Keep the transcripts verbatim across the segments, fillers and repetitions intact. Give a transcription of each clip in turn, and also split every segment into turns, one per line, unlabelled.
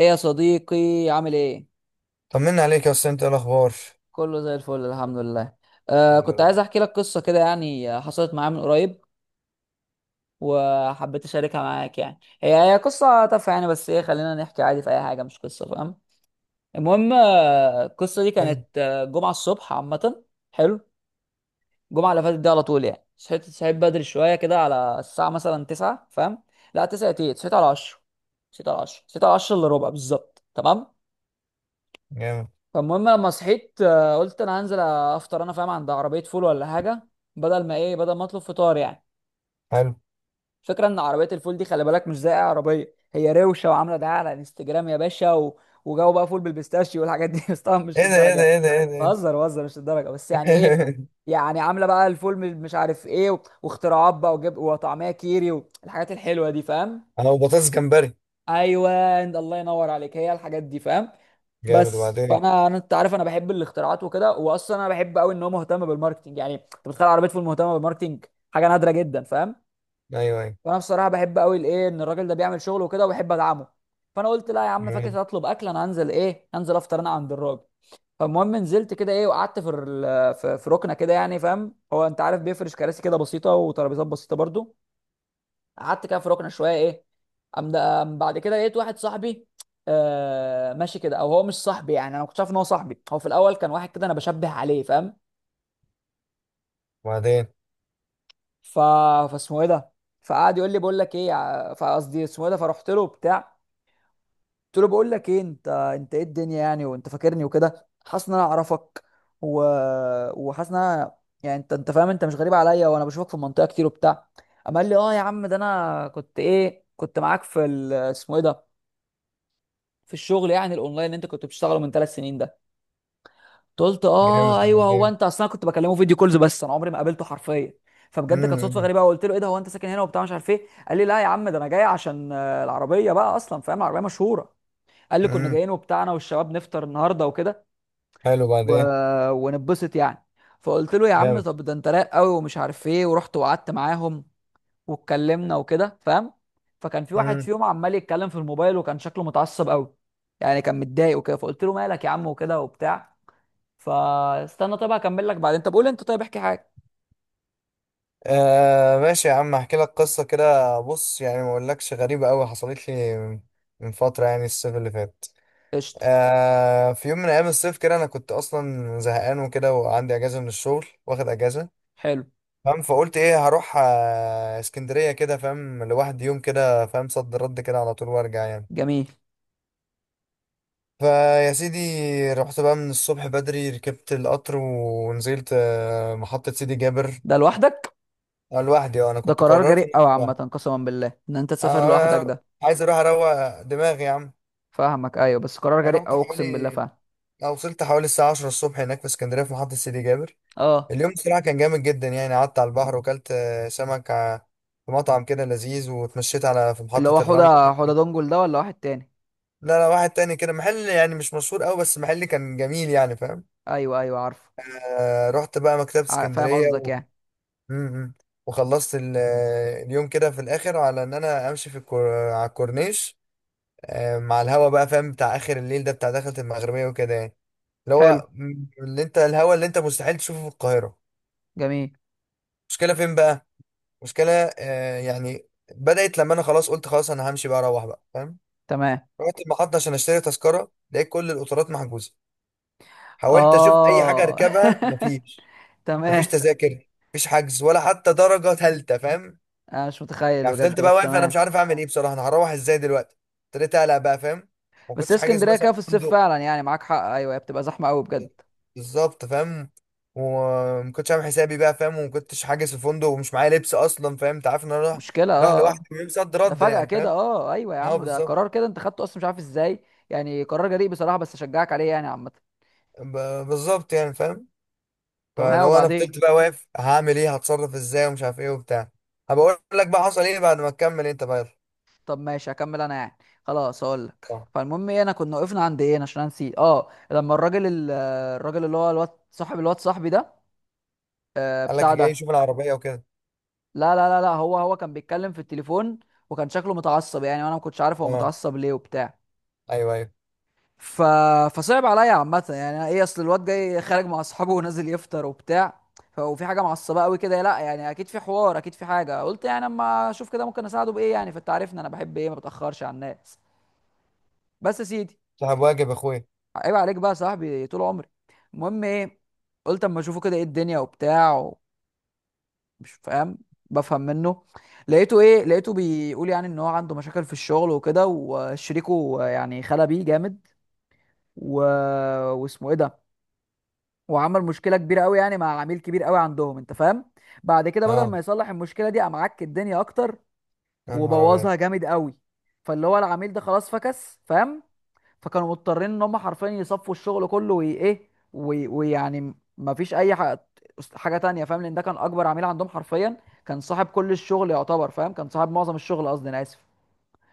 ايه يا صديقي؟ عامل ايه؟
طمنا عليك يا استاذ، انت ايه الاخبار؟
كله زي الفل، الحمد لله. آه
الحمد
كنت عايز
لله.
احكي لك قصه كده يعني، آه، حصلت معايا من قريب، وحبيت اشاركها معاك، يعني هي هي قصه تافهه يعني، بس ايه، خلينا نحكي عادي في اي حاجه، مش قصه، فاهم؟ المهم آه، القصه دي
حلو.
كانت آه، جمعه الصبح عامه. حلو، الجمعه اللي فاتت دي على طول يعني، صحيت صحيت بدري شويه كده، على الساعه مثلا تسعه، فاهم؟ لا تسعه ايه، صحيت على عشره صحيت على عشره صحيت على عشره الا ربع بالظبط، تمام.
جامد.
فالمهم لما صحيت آه، قلت انا هنزل افطر، انا فاهم، عند عربيه فول ولا حاجه، بدل ما ايه، بدل ما اطلب فطار يعني.
حلو.
فكره ان عربيه الفول دي، خلي بالك، مش زي اي عربيه، هي روشه وعامله دعايه على انستجرام يا باشا، و... وجو بقى فول بالبيستاشيو والحاجات دي بس طبعا مش
ايه ده، ايه
للدرجه
ده،
يعني.
ايه ده، ايه ده، ايه ده!
بهزر بهزر، مش للدرجه، بس يعني ايه. يعني عامله بقى الفول من مش عارف ايه، و... واختراعات بقى، وجب... وطعميه كيري والحاجات الحلوه دي، فاهم.
انا وبطاطس جمبري.
ايوه، الله ينور عليك، هي الحاجات دي، فاهم.
جامد،
بس
وبعدين إيه؟
فانا انا انت عارف، انا بحب الاختراعات وكده، واصلا انا بحب قوي ان هو مهتم بالماركتنج، يعني انت بتخيل عربيه فول مهتمه بالماركتنج؟ حاجه نادره جدا، فاهم.
ايوه، ايوه.
فانا بصراحه بحب قوي الايه، ان الراجل ده بيعمل شغل وكده، وبحب ادعمه. فانا قلت لا يا عم،
جميل،
فاكر هطلب اكل، انا هنزل ايه، هنزل افطر انا عند الراجل. فالمهم نزلت كده ايه، وقعدت في ال- في في ركنه كده يعني، فاهم هو، انت عارف بيفرش كراسي كده بسيطه وترابيزات بسيطه برضو. قعدت كده في ركنه شويه ايه. أم أم بعد كده لقيت واحد صاحبي. آه ماشي كده، او هو مش صاحبي يعني، انا ما كنتش عارف ان هو صاحبي، هو في الاول كان واحد كده انا بشبه عليه، فاهم.
وبعدين؟
ف فاسمه ايه ده. فقعد يقول لي بقول لك ايه يا- فقصدي اسمه ايه ده، فرحت له بتاع. قلت له بقول لك ايه، انت انت ايه الدنيا يعني، وانت فاكرني وكده، حاسس ان انا اعرفك، و... وحاسس ان انا، يعني انت انت فاهم، انت مش غريب عليا، وانا بشوفك في المنطقه كتير وبتاع. قام قال لي اه يا عم ده، انا كنت ايه، كنت معاك في ال... اسمه ايه ده، في الشغل يعني الاونلاين اللي انت كنت بتشتغله من ثلاث سنين ده. قلت
جامد،
اه ايوه، هو
وبعدين؟
انت اصلا كنت بكلمه فيديو كولز، بس انا عمري ما قابلته حرفيا. فبجد كانت صدفه
امم.
غريبه، وقلت له ايه ده، هو انت ساكن هنا وبتاع مش عارف ايه. قال لي لا يا عم ده، انا جاي عشان آه، العربيه بقى، اصلا فاهم، العربيه مشهوره. قال لي كنا
امم.
جايين وبتاع، انا والشباب نفطر النهارده وكده،
حلو،
و...
وبعدين؟
ونتبسط يعني. فقلت له يا عم،
جامد.
طب ده انت رايق قوي ومش عارف ايه، ورحت وقعدت معاهم. واتكلمنا وكده، فاهم. فكان في واحد
امم.
فيهم عمال يتكلم في الموبايل، وكان شكله متعصب قوي. يعني كان متضايق وكده، فقلت له مالك يا عم وكده وبتاع. فاستنى، طيب هكمل لك بعدين، طب قول انت، طيب احكي حاجه.
آه ماشي يا عم، احكي لك قصه كده. بص يعني، ما اقولكش غريبه قوي حصلت لي من فتره، يعني الصيف اللي فات.
قشطه.
آه في يوم من ايام الصيف كده، انا كنت اصلا زهقان وكده، وعندي اجازه من الشغل، واخد اجازه.
حلو.
فاهم. فقلت ايه، هروح آه، اسكندريه كده، فاهم، لوحدي يوم كده، فاهم، صد رد كده على طول وارجع يعني.
جميل.
فيا سيدي، رحت بقى من الصبح بدري، ركبت القطر ونزلت آه، محطه سيدي جابر.
ده لوحدك؟
آه، لوحدي. اه، انا
ده
كنت
قرار
قررت إن...
جريء قوي
أنا
عامه،
لوحدي.
قسما بالله ان انت تسافر لوحدك
آه،
ده.
عايز اروح اروق دماغي يا عم.
فاهمك، ايوه، بس قرار
يعني
جريء
رحت
قوي اقسم بالله،
حوالي...
فاهم.
أو وصلت حوالي الساعه عشره الصبح، هناك في اسكندريه في محطه سيدي جابر.
اه،
اليوم بصراحه كان جامد جدا. يعني قعدت على البحر وكلت آه، سمك، آه، في مطعم كده لذيذ، واتمشيت على... في
اللي
محطه
هو
الرمل.
حوده حوده دونجل ده ولا واحد تاني؟
لا، لا، واحد تاني كده، محل يعني مش مشهور قوي، بس محل كان جميل يعني، فاهم.
ايوه ايوه، عارفه.
آه رحت بقى مكتبة
عار- فاهم
اسكندرية
قصدك
و...
يعني.
م- م. وخلصت ال- آه، اليوم كده في الاخر، على ان انا امشي في الكور... على الكورنيش. آه مع الهوا بقى، فاهم، بتاع اخر الليل ده، بتاع دخلة المغربية وكده يعني. اللي
حلو.
هو م- اللي انت الهوا اللي انت مستحيل تشوفه في القاهرة.
جميل.
مشكلة فين بقى؟ مشكلة... آه يعني... بدأت لما انا خلاص قلت خلاص، انا همشي بقى، اروح بقى، فاهم.
تمام.
رحت المحطة عشان اشتري تذكرة، لقيت كل القطارات محجوزة. حاولت اشوف اي حاجه
اه
اركبها، مفيش.
تمام.
مفيش تذاكر، مفيش حجز ولا حتى درجه ثالثه، فاهم.
انا مش متخيل
يعني
بجد،
فضلت بقى
بس
واقف، انا مش
تمام.
عارف اعمل ايه بصراحه، انا هروح ازاي دلوقتي؟ ابتديت اقلق بقى، فاهم. ما
بس هي
كنتش حاجز
اسكندريه
مثلا
كده في الصيف
فندق.
فعلا، يعني معاك حق، ايوه، هي بتبقى زحمه قوي بجد.
بالظبط، فاهم. وما كنتش عامل حسابي بقى، فاهم، وما كنتش حاجز في فندق، ومش معايا لبس اصلا، فاهم، انت عارف ان انا رايح.
مشكله،
رايح
اه
لوحدي،
اه.
ويوم صد
ده
رد
فجأة
يعني،
كده
فاهم.
اه آه. ايوه يا
اه،
عم، ده
بالظبط.
قرار كده انت خدته، اصلا مش عارف ازاي. يعني قرار جريء بصراحه، بس اشجعك عليه يعني عامه.
ب- بالظبط يعني، فاهم.
طب ها،
فلو انا
وبعدين؟
فضلت بقى واقف، هعمل ايه، هتصرف ازاي ومش عارف ايه وبتاع. هبقول لك بقى حصل ايه بعد ما تكمل انت بقى. يلا.
طب ماشي، هكمل انا يعني. خلاص هقول لك،
اه،
فالمهم ايه، انا كنا وقفنا عند ايه، أنا عشان أنا نسيت اه، لما الراجل ال- الراجل اللي هو الواد صاحب الواد صاحبي ده، آه،
قال لك
بتاع
جاي
ده.
يشوف العربيه وكده.
لا لا لا لا، هو هو كان بيتكلم في التليفون، وكان شكله متعصب يعني، وانا ما كنتش عارف هو
اه،
متعصب ليه وبتاع.
ايوه، ايوه.
ف... فصعب عليا عامة يعني، أنا ايه، اصل الواد جاي خارج مع اصحابه ونازل يفطر وبتاع، ف- وفي حاجة معصبة قوي كده، لا يعني اكيد في حوار، اكيد في حاجة، قلت يعني اما اشوف كده ممكن اساعده بايه، يعني فانت عارفني، انا بحب ايه، ما بتأخرش على الناس. بس يا سيدي،
صاحب واجب يا اخويا.
عيب عليك بقى يا صاحبي، طول عمري. المهم ايه، قلت اما اشوفه كده، ايه الدنيا وبتاع و- مش فاهم، بفهم منه. لقيته ايه، لقيته بيقول يعني ان هو عنده مشاكل في الشغل وكده، وشريكه يعني خلى بيه جامد، و... واسمه ايه ده، وعمل مشكله كبيره قوي يعني مع عميل كبير قوي عندهم، انت فاهم. بعد كده بدل
اه،
ما يصلح المشكله دي، قام عك الدنيا اكتر،
يا نهار ابيض.
وبوظها جامد قوي. فاللي هو العميل ده خلاص فكس، فاهم. فكانوا مضطرين ان هم حرفيا يصفوا الشغل كله، وايه، وي- ويعني ما فيش اي حاجه، حاجه تانية، فاهم، لان ده كان اكبر عميل عندهم حرفيا. كان صاحب كل الشغل يعتبر، فاهم، كان صاحب معظم الشغل قصدي، انا اسف.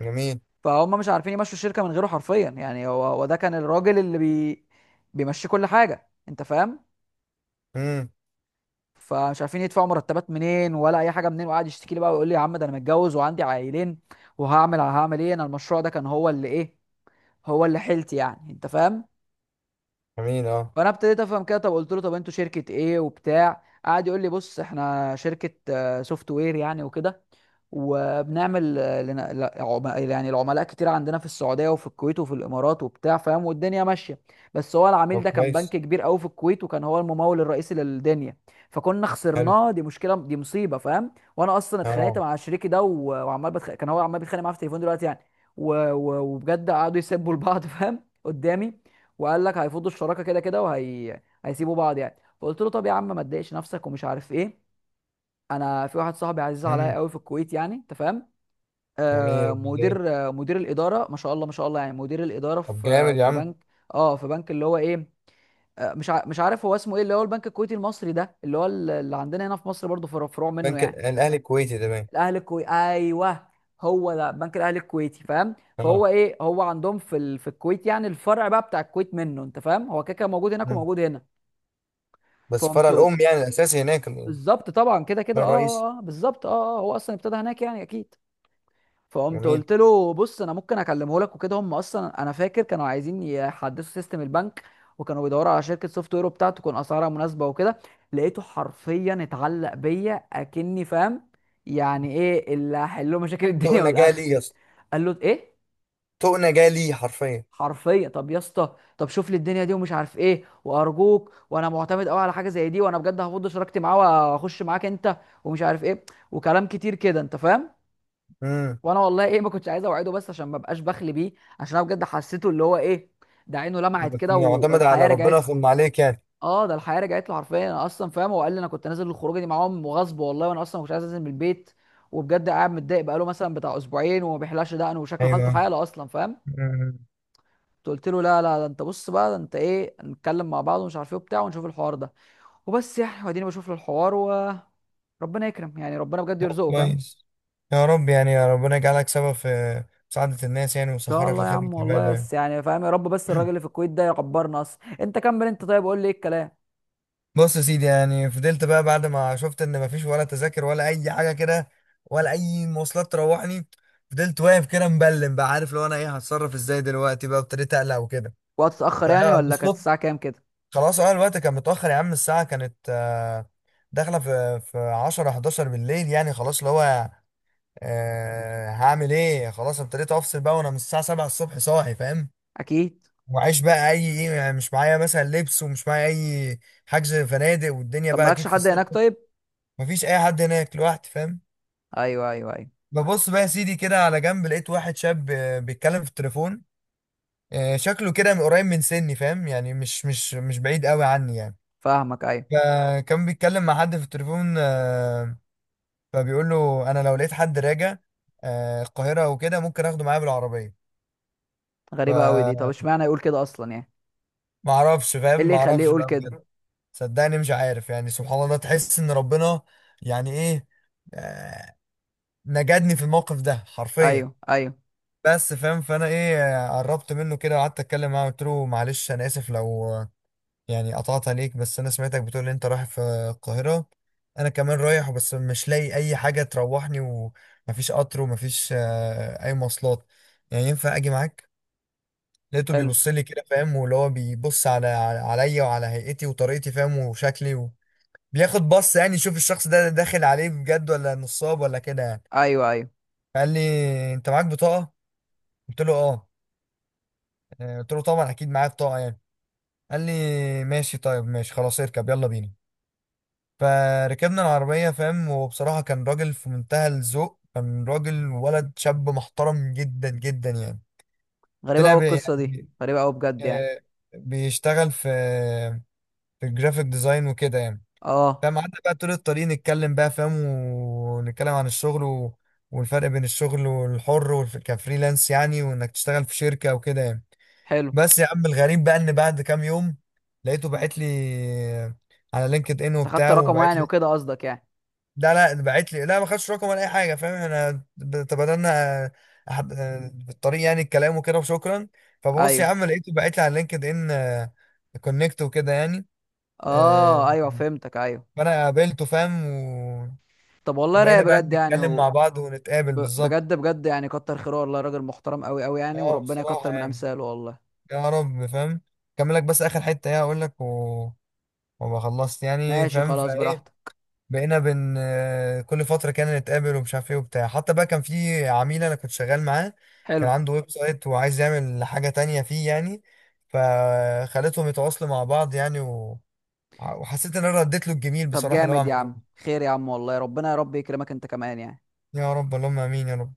جميل.
فهم مش عارفين يمشوا الشركه من غيره حرفيا يعني، هو هو ده كان الراجل اللي بي بيمشي كل حاجه، انت فاهم.
امم.
فمش عارفين يدفعوا مرتبات منين ولا اي حاجه منين، وقعد يشتكي لي بقى ويقول لي يا عم ده انا متجوز وعندي عائلين، وهعمل هعمل ايه، انا المشروع ده كان هو اللي ايه، هو اللي حيلتي يعني، انت فاهم.
جميل، اه.
فانا ابتديت افهم كده، طب قلت له طب انتوا شركه ايه وبتاع، قعد يقول لي بص احنا شركه سوفت وير يعني وكده، وبنعمل آه، لنا- لا- عم- يعني العملاء كتير عندنا في السعوديه وفي الكويت وفي الامارات وبتاع، فاهم، والدنيا ماشيه. بس هو العميل
طب
ده كان بنك
كويس.
كبير قوي في الكويت، وكان هو الممول الرئيسي للدنيا. فكنا
حلو،
خسرناه، دي مشكله، دي مصيبه، فاهم، وانا اصلا اتخانقت
اه.
مع شريكي ده و- وعمال بتخ... كان هو عمال بيتخانق معاه في التليفون دلوقتي يعني. و... و... وبجد قعدوا يسبوا لبعض فاهم قدامي. وقال لك هيفضوا الشراكه كده كده، وهي هيسيبوا بعض يعني، فقلت له طب يا عم ما تضايقش نفسك ومش عارف ايه. انا في واحد صاحبي عزيز عليا
امم.
قوي في الكويت يعني، انت فاهم.
جميل،
آه
وبعدين؟
مدير آه مدير الاداره، ما شاء الله ما شاء الله، يعني مدير الاداره
طب
في
جامد يا
في
عم.
بنك. اه في بنك، اللي هو ايه، آه مش ع- مش عارف هو اسمه ايه، اللي هو البنك الكويتي المصري ده، اللي هو ال- اللي عندنا هنا في مصر برضه فر- فروع منه
بنك ال-
يعني.
الاهلي الكويتي ده باين.
الاهلي الكويتي، ايوه، هو ده بنك الاهلي الكويتي، فاهم. فهو
اه.
ايه، هو عندهم في ال... في الكويت يعني، الفرع بقى بتاع الكويت منه، انت فاهم، هو كده كده موجود هناك
مم.
وموجود هنا.
بس فرع
فقمت قلت،
الام يعني الاساسي هناك ال-...
بالظبط طبعا كده
ده
كده، اه
الرئيسي.
اه اه، بالظبط اه اه، هو اصلا ابتدى هناك يعني اكيد. فقمت
جميل.
قلت له بص، انا ممكن اكلمه لك وكده، هم اصلا انا فاكر كانوا عايزين يحدثوا سيستم البنك، وكانوا بيدوروا على شركه سوفت وير بتاعته تكون اسعارها مناسبه وكده. لقيته حرفيا اتعلق بيا، اكني فاهم يعني ايه اللي هحل له مشاكل الدنيا
طقنا
والاخر.
جالي يا اسطى.
قال له ايه،
طقنا جالي حرفيا.
حرفيا، طب يا اسطى، طب شوف لي الدنيا دي ومش عارف ايه، وارجوك، وانا معتمد قوي على حاجه زي دي، وانا بجد هفض شراكتي معاه واخش معاك انت، ومش عارف ايه وكلام كتير كده، انت فاهم.
امم.
وانا والله ايه، ما كنتش عايز اوعده، بس عشان ما بقاش بخلي بيه، عشان انا بجد حسيته اللي هو ايه، ده عينه لمعت
بس
كده
معتمد
والحياه
على
رجعت
ربنا،
لي.
ثم عليك يعني.
اه، ده الحياه رجعت له حرفيا، انا اصلا فاهم، هو قال لي انا كنت نازل الخروجه دي معاهم وغصب والله، وانا اصلا ما كنتش عايز انزل من البيت، وبجد قاعد متضايق بقاله مثلا بتاع اسبوعين، وما بيحلقش دقنه، وشكله حالته
ايوه.
حاله اصلا، فاهم.
مم.
قلت له لا لا، ده انت بص بقى، ده انت ايه، نتكلم مع بعض ومش عارف ايه وبتاع، ونشوف الحوار ده، وبس يعني، واديني بشوف له الحوار و ربنا يكرم يعني، ربنا بجد
طب
يرزقه، فاهم، ان
كويس. يا رب يعني، يا ربنا يجعلك سبب في مساعدة الناس يعني،
شاء
ويسخرك
الله يا
لخدمة
عم والله،
عباده يعني.
بس يعني فاهم، يا رب، بس الراجل اللي في الكويت ده يكبرنا اصلا، انت كمل انت، طيب قول لي ايه الكلام.
بص يا سيدي، يعني فضلت بقى بعد ما شفت ان مفيش ولا تذاكر ولا اي حاجه كده، ولا اي مواصلات تروحني. فضلت واقف كده مبلم بقى، عارف لو انا ايه هتصرف ازاي دلوقتي بقى، ابتديت اقلق وكده.
وقت اتاخر يعني ولا كانت
فبالصدفه...
الساعه كام كده؟
خلاص، اه، الوقت كان متاخر يا عم، الساعه كانت آه، داخله في في عشره احد عشر بالليل، يعني خلاص اللي هو... أه هعمل ايه، خلاص ابتديت افصل بقى، وانا من الساعه سبعه الصبح صاحي، فاهم.
اكيد.
وعيش بقى اي ايه يعني، مش معايا مثلا لبس، ومش معايا اي حجز فنادق، والدنيا
طب
بقى
مالكش
اكيد في
حد
الصيف.
هناك طيب.
مفيش اي حد هناك، لوحدي فاهم.
ايوه ايوه ايوه،
ببص بقى يا سيدي كده على جنب، لقيت واحد شاب آه، بيتكلم في التليفون. آه، شكله كده من قريب من سني، فاهم يعني مش مش مش بعيد قوي عني يعني.
فاهمك ايوه.
فكان بيتكلم مع حد في التليفون، آه، فبيقول له: انا لو لقيت حد راجع آه، القاهره وكده، ممكن اخده معايا بالعربيه. ف...
غريبه قوي دي، طب اشمعنى يقول كده اصلا يعني،
ما اعرفش،
ايه
فاهم،
اللي
ما
يخليه
اعرفش
يقول
بقى
كده.
بجد. صدقني مش عارف يعني، سبحان الله تحس ان ربنا... يعني ايه... آه، نجدني في الموقف ده حرفيا.
ايوه ايوه،
بس، فاهم، فانا ايه... آه، قربت منه كده، وقعدت اتكلم معاه، قلت له: معلش انا اسف لو، آه، يعني قطعت عليك، بس انا سمعتك بتقول ان انت رايح في القاهرة. انا كمان رايح، بس مش لاقي اي حاجة تروحني، ومفيش قطر، ومفيش آه، اي مواصلات. يعني ينفع اجي معاك؟ لقيته
حلو،
بيبص لي كده، فاهم، واللي هو بيبص على على- عليا وعلى هيئتي وطريقتي، فاهم، وشكلي و... بياخد بص يعني، يشوف الشخص ده داخل عليه بجد ولا نصاب ولا كده يعني.
ايوه ايوه.
فقال لي: انت معاك بطاقة؟ قلت له: اه. آه، قلت له: طبعا اكيد معايا بطاقة يعني. قال لي: ماشي، طيب ماشي خلاص، اركب يلا بينا. فركبنا العربية، فاهم، وبصراحة كان راجل في منتهى الذوق، كان راجل ولد شاب محترم جدا جدا يعني.
غريبه
طلع
قوي
بي-
القصه دي
يعني،
غريبه قوي بجد يعني،
آه، بيشتغل في في الجرافيك ديزاين وكده يعني.
اه.
فاهم، قعدنا بقى طول الطريق نتكلم بقى، فاهم، ونتكلم عن الشغل و... والفرق بين الشغل والحر والف... كفريلانس يعني، وانك تشتغل في شركة وكده يعني.
حلو،
بس يا عم، الغريب بقى ان بعد كام يوم لقيته باعت لي على لينكد ان
انت خدت
وبتاع،
رقمه
وبعت
يعني
لي...
وكده قصدك يعني؟
لا، لا، باعت لي، لا، ما خدش رقم ولا اي حاجة، فاهم، احنا ب- تبادلنا أحد... بالطريق يعني، الكلام وكده، وشكرا. فببص يا
ايوه،
عم، لقيته باعت لي على لينكد ان كونكت وكده يعني. آه،
اه، ايوه، فهمتك ايوه.
فانا قابلته، فاهم.
طب والله رايق
وبقينا بقى
بجد يعني.
نتكلم
و...
مع بعض ونتقابل
ب...
بالظبط.
بجد بجد يعني، كتر خيره والله، راجل محترم قوي قوي يعني،
اه،
وربنا
بصراحة
يكتر من
يعني،
امثاله والله.
يا رب، فاهم. كمل لك بس اخر حتة ايه هقول لك و... وما خلصت يعني،
ماشي
فاهم،
خلاص
فايه...
براحتك.
بقينا بن آه، كل فترة كان نتقابل ومش عارف ايه وبتاع، حتى بقى كان في عميل انا كنت شغال معاه. كان
حلو.
عنده ويب سايت وعايز يعمل حاجة تانية فيه يعني. فخليتهم يتواصلوا مع بعض يعني و... وحسيت ان انا رديت له الجميل
طب
بصراحة، اللي هو
جامد يا
عمله لي.
عم، خير يا عم والله، ربنا يا رب يكرمك انت كمان يعني.
يا رب، اللهم امين يا رب.